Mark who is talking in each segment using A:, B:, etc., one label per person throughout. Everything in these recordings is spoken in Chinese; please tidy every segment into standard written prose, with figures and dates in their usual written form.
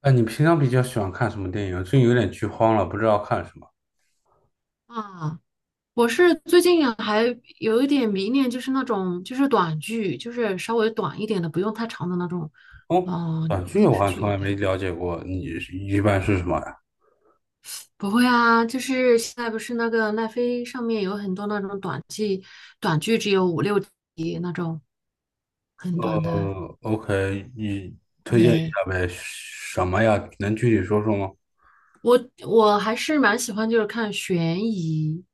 A: 哎，你平常比较喜欢看什么电影啊，最近有点剧荒了，不知道看什么。
B: 啊，我是最近啊还有一点迷恋，就是那种就是短剧，就是稍微短一点的，不用太长的那种，
A: 哦。短剧
B: 电
A: 我好
B: 视
A: 像从
B: 剧。
A: 来没
B: 对，
A: 了解过，你是一般是什么呀？
B: 不会啊，就是现在不是那个奈飞上面有很多那种短剧，短剧只有五六集那种，很短的。
A: OK，你推荐一
B: 对，
A: 下呗？什么呀？能具体说说吗？
B: 我还是蛮喜欢，就是看悬疑，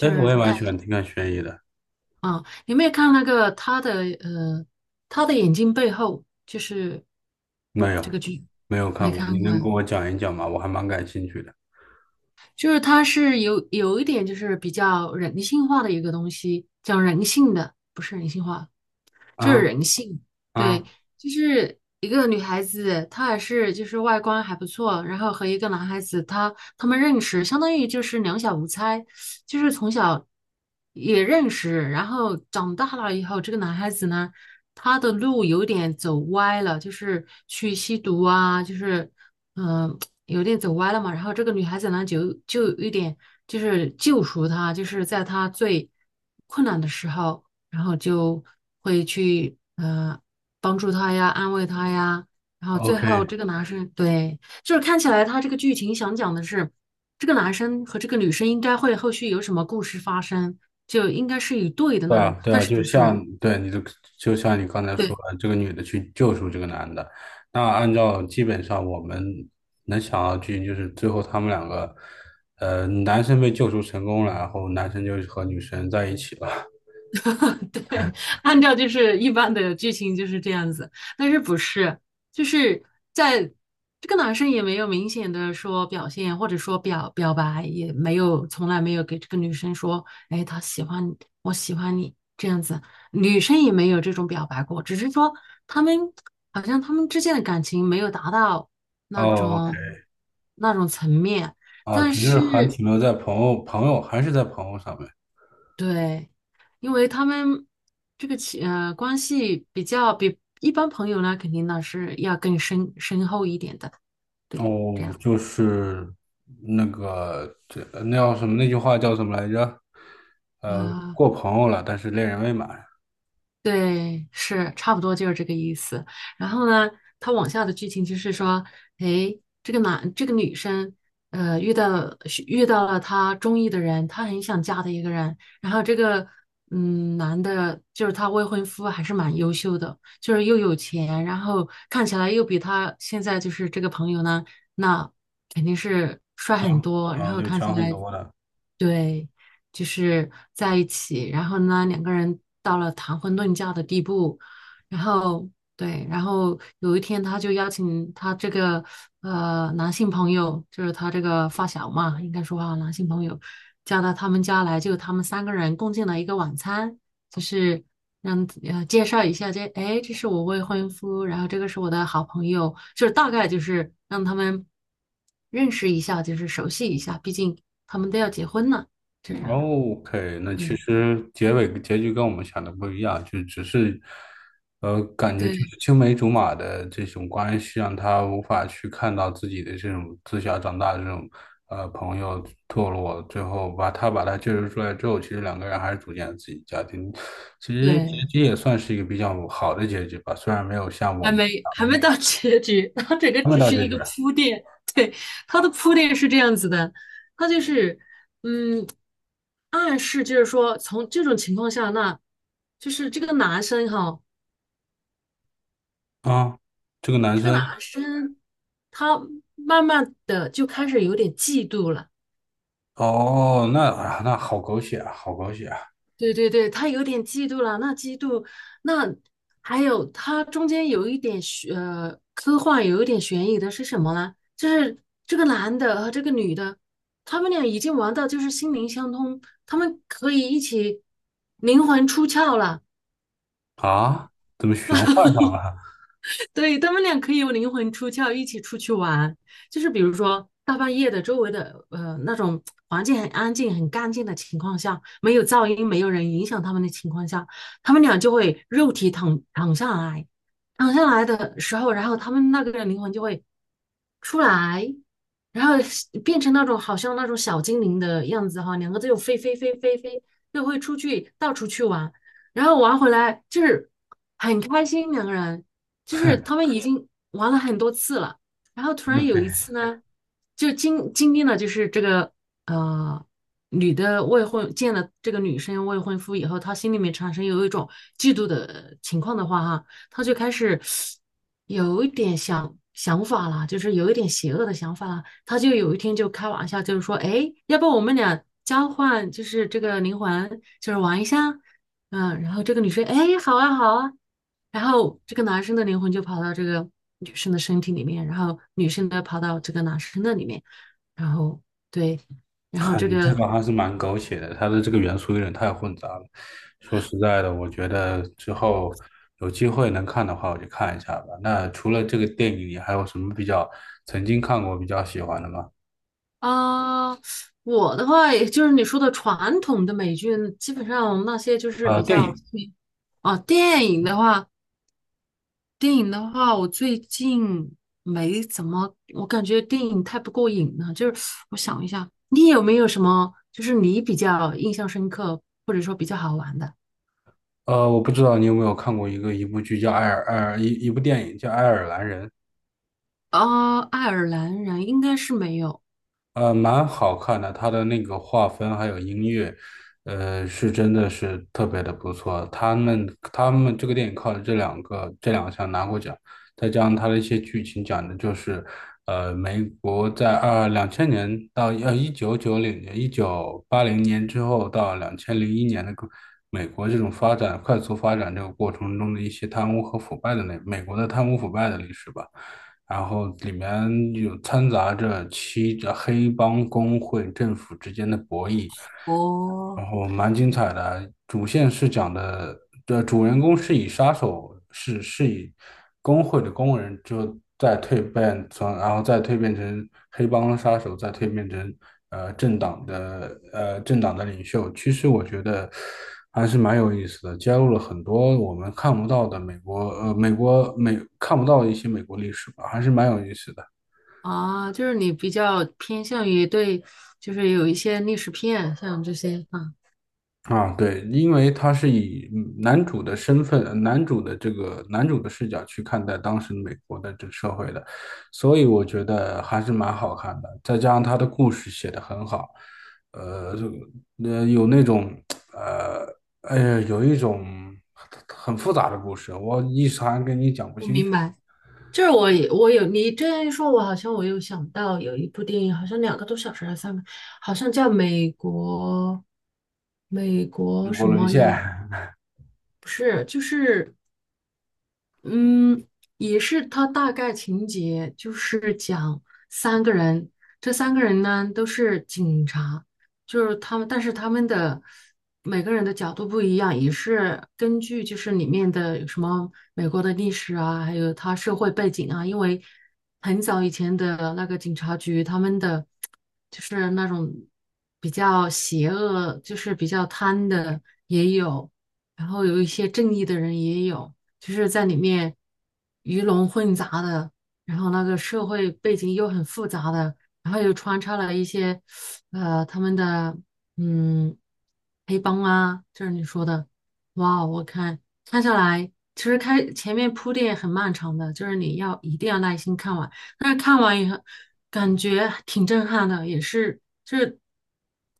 A: 哎，我
B: 是
A: 也蛮
B: 带。
A: 喜欢看悬疑的。
B: 啊，你有没有看那个他的他的眼睛背后就是
A: 没有，
B: 这个剧，
A: 没有
B: 没
A: 看过，你
B: 看过
A: 能
B: 呀？
A: 跟我讲一讲吗？我还蛮感兴趣的。
B: 就是它是有一点就是比较人性化的一个东西，讲人性的，不是人性化，就是
A: 啊
B: 人性，对，
A: 啊
B: 就是一个女孩子，她还是就是外观还不错，然后和一个男孩子，他们认识，相当于就是两小无猜，就是从小也认识，然后长大了以后，这个男孩子呢，他的路有点走歪了，就是去吸毒啊，就是嗯、呃有点走歪了嘛，然后这个女孩子呢，就有一点就是救赎他，就是在他最困难的时候。然后就会去帮助他呀，安慰他呀，然后最
A: ，OK。
B: 后这个男生对，就是看起来他这个剧情想讲的是，这个男生和这个女生应该会后续有什么故事发生，就应该是一对的
A: 对
B: 那
A: 啊，
B: 种，
A: 对
B: 但
A: 啊，
B: 是不是？
A: 就像你刚才说
B: 对。
A: 的，这个女的去救赎这个男的。那按照基本上我们能想到的剧情，就是最后他们两个，男生被救赎成功了，然后男生就和女生在一起了。
B: 对，按照就是一般的剧情就是这样子，但是不是，就是在这个男生也没有明显的说表现，或者说表白，也没有从来没有给这个女生说，哎，他喜欢你，我喜欢你这样子，女生也没有这种表白过，只是说他们好像他们之间的感情没有达到那
A: 哦
B: 种那种层面，但
A: 只是还
B: 是
A: 停留在朋友，朋友还是在朋友上面。
B: 对，因为他们这个情关系比较比一般朋友呢，肯定呢是要更深厚一点的。对，这样
A: 哦，
B: 子。
A: 就是那个，这那叫什么？那句话叫什么来着？
B: 呃，
A: 过朋友了，但是恋人未满。
B: 对，是差不多就是这个意思。然后呢，他往下的剧情就是说，哎，这个男这个女生，遇到是遇到了她中意的人，她很想嫁的一个人。然后这个男的，就是她未婚夫，还是蛮优秀的，就是又有钱，然后看起来又比她现在就是这个朋友呢，那肯定是帅很多，然后
A: 有
B: 看起
A: 强很
B: 来。
A: 多的。
B: 对，就是在一起，然后呢，两个人到了谈婚论嫁的地步，然后对，然后有一天他就邀请他这个男性朋友，就是他这个发小嘛，应该说啊，男性朋友叫到他们家来，就他们三个人共进了一个晚餐，就是让介绍一下这，哎，这是我未婚夫，然后这个是我的好朋友，就是大概就是让他们认识一下，就是熟悉一下，毕竟他们都要结婚了，这样，
A: OK，那其
B: 对
A: 实结尾结局跟我们想的不一样，就只是，感觉就
B: 对
A: 是青梅竹马的这种关系，让他无法去看到自己的这种自小长大的这种朋友堕落，最后把他救赎出来之后，其实两个人还是组建了自己的家庭。其实结
B: 对，
A: 局也算是一个比较好的结局吧，虽然没有像我
B: 还
A: 们
B: 没
A: 想
B: 还
A: 的那
B: 没
A: 个
B: 到结局，它这个
A: 他们
B: 只
A: 到
B: 是
A: 结
B: 一
A: 局
B: 个
A: 了。
B: 铺垫，对，它的铺垫是这样子的，它就是嗯，暗示就是说从这种情况下，那就是这个男生哈。
A: 啊，这个男生。
B: 他慢慢的就开始有点嫉妒了。
A: 哦，那好狗血啊，好狗血啊。
B: 对对对，他有点嫉妒了。那嫉妒，那还有他中间有一点科幻，有一点悬疑的是什么呢？就是这个男的和这个女的，他们俩已经玩到就是心灵相通，他们可以一起灵魂出窍了。
A: 啊，怎么玄幻上了？
B: 对，他们俩可以有灵魂出窍，一起出去玩。就是比如说大半夜的，周围的那种环境很安静、很干净的情况下，没有噪音、没有人影响他们的情况下，他们俩就会肉体躺下来，躺下来的时候，然后他们那个灵魂就会出来，然后变成那种好像那种小精灵的样子哈，两个就飞飞飞飞飞，就会出去到处去玩，然后玩回来就是很开心，两个人就是他们已经玩了很多次了，然后突然有
A: OK。
B: 一次呢，就经历了就是这个呃女的未婚见了这个女生未婚夫以后，她心里面产生有一种嫉妒的情况的话哈，她就开始有一点想法了，就是有一点邪恶的想法了。她就有一天就开玩笑，就是说，哎，要不我们俩交换，就是这个灵魂，就是玩一下。嗯，然后这个女生，哎，好啊，好啊，然后这个男生的灵魂就跑到这个女生的身体里面，然后女生的跑到这个男生的里面，然后对，然后
A: 哈，
B: 这
A: 你这
B: 个
A: 个还是蛮狗血的，它的这个元素有点太混杂了。说实在的，我觉得之后有机会能看的话，我就看一下吧。那除了这个电影，你还有什么曾经看过比较喜欢的吗？
B: 啊、我的话也就是你说的传统的美剧，基本上那些就是比
A: 电
B: 较出
A: 影。
B: 名啊，电影的话。电影的话，我最近没怎么，我感觉电影太不过瘾了。就是我想一下，你有没有什么，就是你比较印象深刻，或者说比较好玩的？
A: 我不知道你有没有看过一部电影叫《爱尔兰人》。
B: 爱尔兰人应该是没有
A: 蛮好看的，它的那个划分还有音乐，是真的是特别的不错。他们这个电影靠着这两项拿过奖。再加上它的一些剧情讲的就是，美国在2000年到1980年之后到2001年的个美国这种快速发展这个过程中的一些贪污和腐败的，那美国的贪污腐败的历史吧。然后里面有掺杂着黑帮工会、政府之间的博弈，然
B: 哦，
A: 后蛮精彩的。主线是讲的，这主人公是以杀手是是以工会的工人，就再蜕变从，然后再蜕变成黑帮杀手，再蜕变成政党的领袖。其实我觉得还是蛮有意思的，加入了很多我们看不到的美国看不到的一些美国历史吧，还是蛮有意思的。
B: 啊，就是你比较偏向于对，就是有一些历史片，像这些啊，
A: 啊，对，因为他是以男主的身份、男主的这个男主的视角去看待当时美国的这个社会的，所以我觉得还是蛮好看的。再加上他的故事写得很好，这个有那种，呃，哎呀，有一种很复杂的故事，我一时还跟你讲不
B: 我
A: 清
B: 明
A: 楚。
B: 白。就是我有你这样一说，我好像我有想到有一部电影，好像两个多小时还是三个，好像叫美国
A: 美国
B: 什
A: 沦
B: 么
A: 陷。
B: 也 不是，就是。嗯，也是，它大概情节就是讲三个人，这三个人呢都是警察，就是他们，但是他们的每个人的角度不一样，也是根据就是里面的有什么美国的历史啊，还有他社会背景啊，因为很早以前的那个警察局，他们的就是那种比较邪恶，就是比较贪的也有，然后有一些正义的人也有。就是在里面鱼龙混杂的，然后那个社会背景又很复杂的，然后又穿插了一些他们的嗯黑帮啊，就是你说的，哇，我看下来，其实开前面铺垫很漫长的，就是你要一定要耐心看完，但是看完以后感觉挺震撼的，也是就是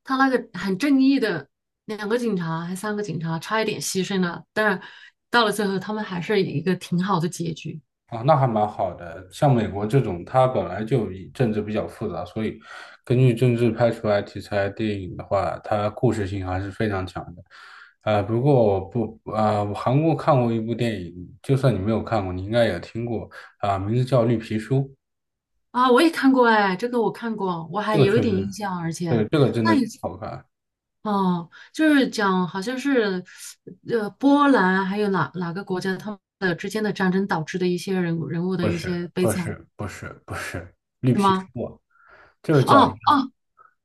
B: 他那个很正义的。两个警察还三个警察，差一点牺牲了，但是到了最后，他们还是一个挺好的结局
A: 啊，那还蛮好的。像美国这种，它本来就以政治比较复杂，所以根据政治拍出来题材电影的话，它故事性还是非常强的。不过我不，啊，我韩国看过一部电影，就算你没有看过，你应该也听过啊、名字叫《绿皮书》。
B: 啊！我也看过哎，这个我看过，我还
A: 这个
B: 有一
A: 确
B: 点
A: 实，
B: 印象，而
A: 这个
B: 且
A: 这个真
B: 那
A: 的
B: 也
A: 好看。
B: 哦，就是讲好像是波兰还有哪哪个国家他们的之间的战争导致的一些人物的
A: 不
B: 一
A: 是，
B: 些悲
A: 不
B: 惨。
A: 是，不是，不是《绿
B: 是
A: 皮书》。
B: 吗？
A: 啊，就是讲
B: 哦哦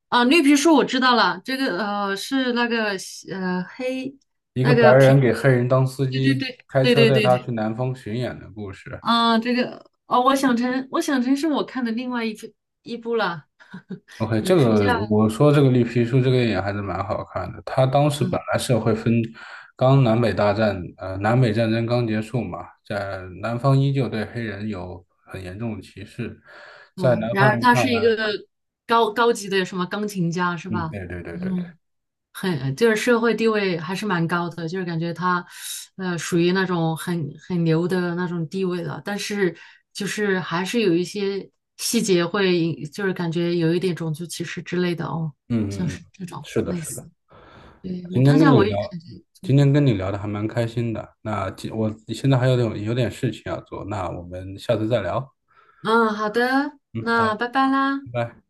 B: 哦，绿皮书我知道了，这个是那个黑
A: 一个
B: 那
A: 白
B: 个
A: 人
B: 皮，
A: 给黑人当司
B: 对对
A: 机，
B: 对
A: 开
B: 对
A: 车
B: 对
A: 带
B: 对
A: 他
B: 对
A: 去南方巡演的故事。
B: 啊，这个哦，我想成是我看的另外一部了，
A: OK，这
B: 也是叫
A: 个我说这个绿皮书这个电影还是蛮好看的。他当时本
B: 嗯
A: 来是会分，刚南北大战，呃，南北战争刚结束嘛，在南方依旧对黑人有很严重的歧视，在
B: 哦，
A: 南方
B: 然
A: 人
B: 而他
A: 看
B: 是一
A: 来。
B: 个高级的什么钢琴家是
A: 嗯，
B: 吧？
A: 对对对对对。
B: 嗯，很就是社会地位还是蛮高的，就是感觉他属于那种很牛的那种地位了，但是就是还是有一些细节会就是感觉有一点种族歧视之类的哦，像
A: 嗯嗯嗯。
B: 是这种
A: 是的，
B: 类
A: 是
B: 似。
A: 的。
B: 对，我
A: 今
B: 看
A: 天
B: 一
A: 跟
B: 下
A: 你
B: 我也
A: 聊，
B: 感觉。
A: 今天跟你聊的还蛮开心的。那我现在还有点事情要做，那我们下次再聊。
B: 嗯，好的，
A: 嗯，好，
B: 那拜拜啦。
A: 拜拜。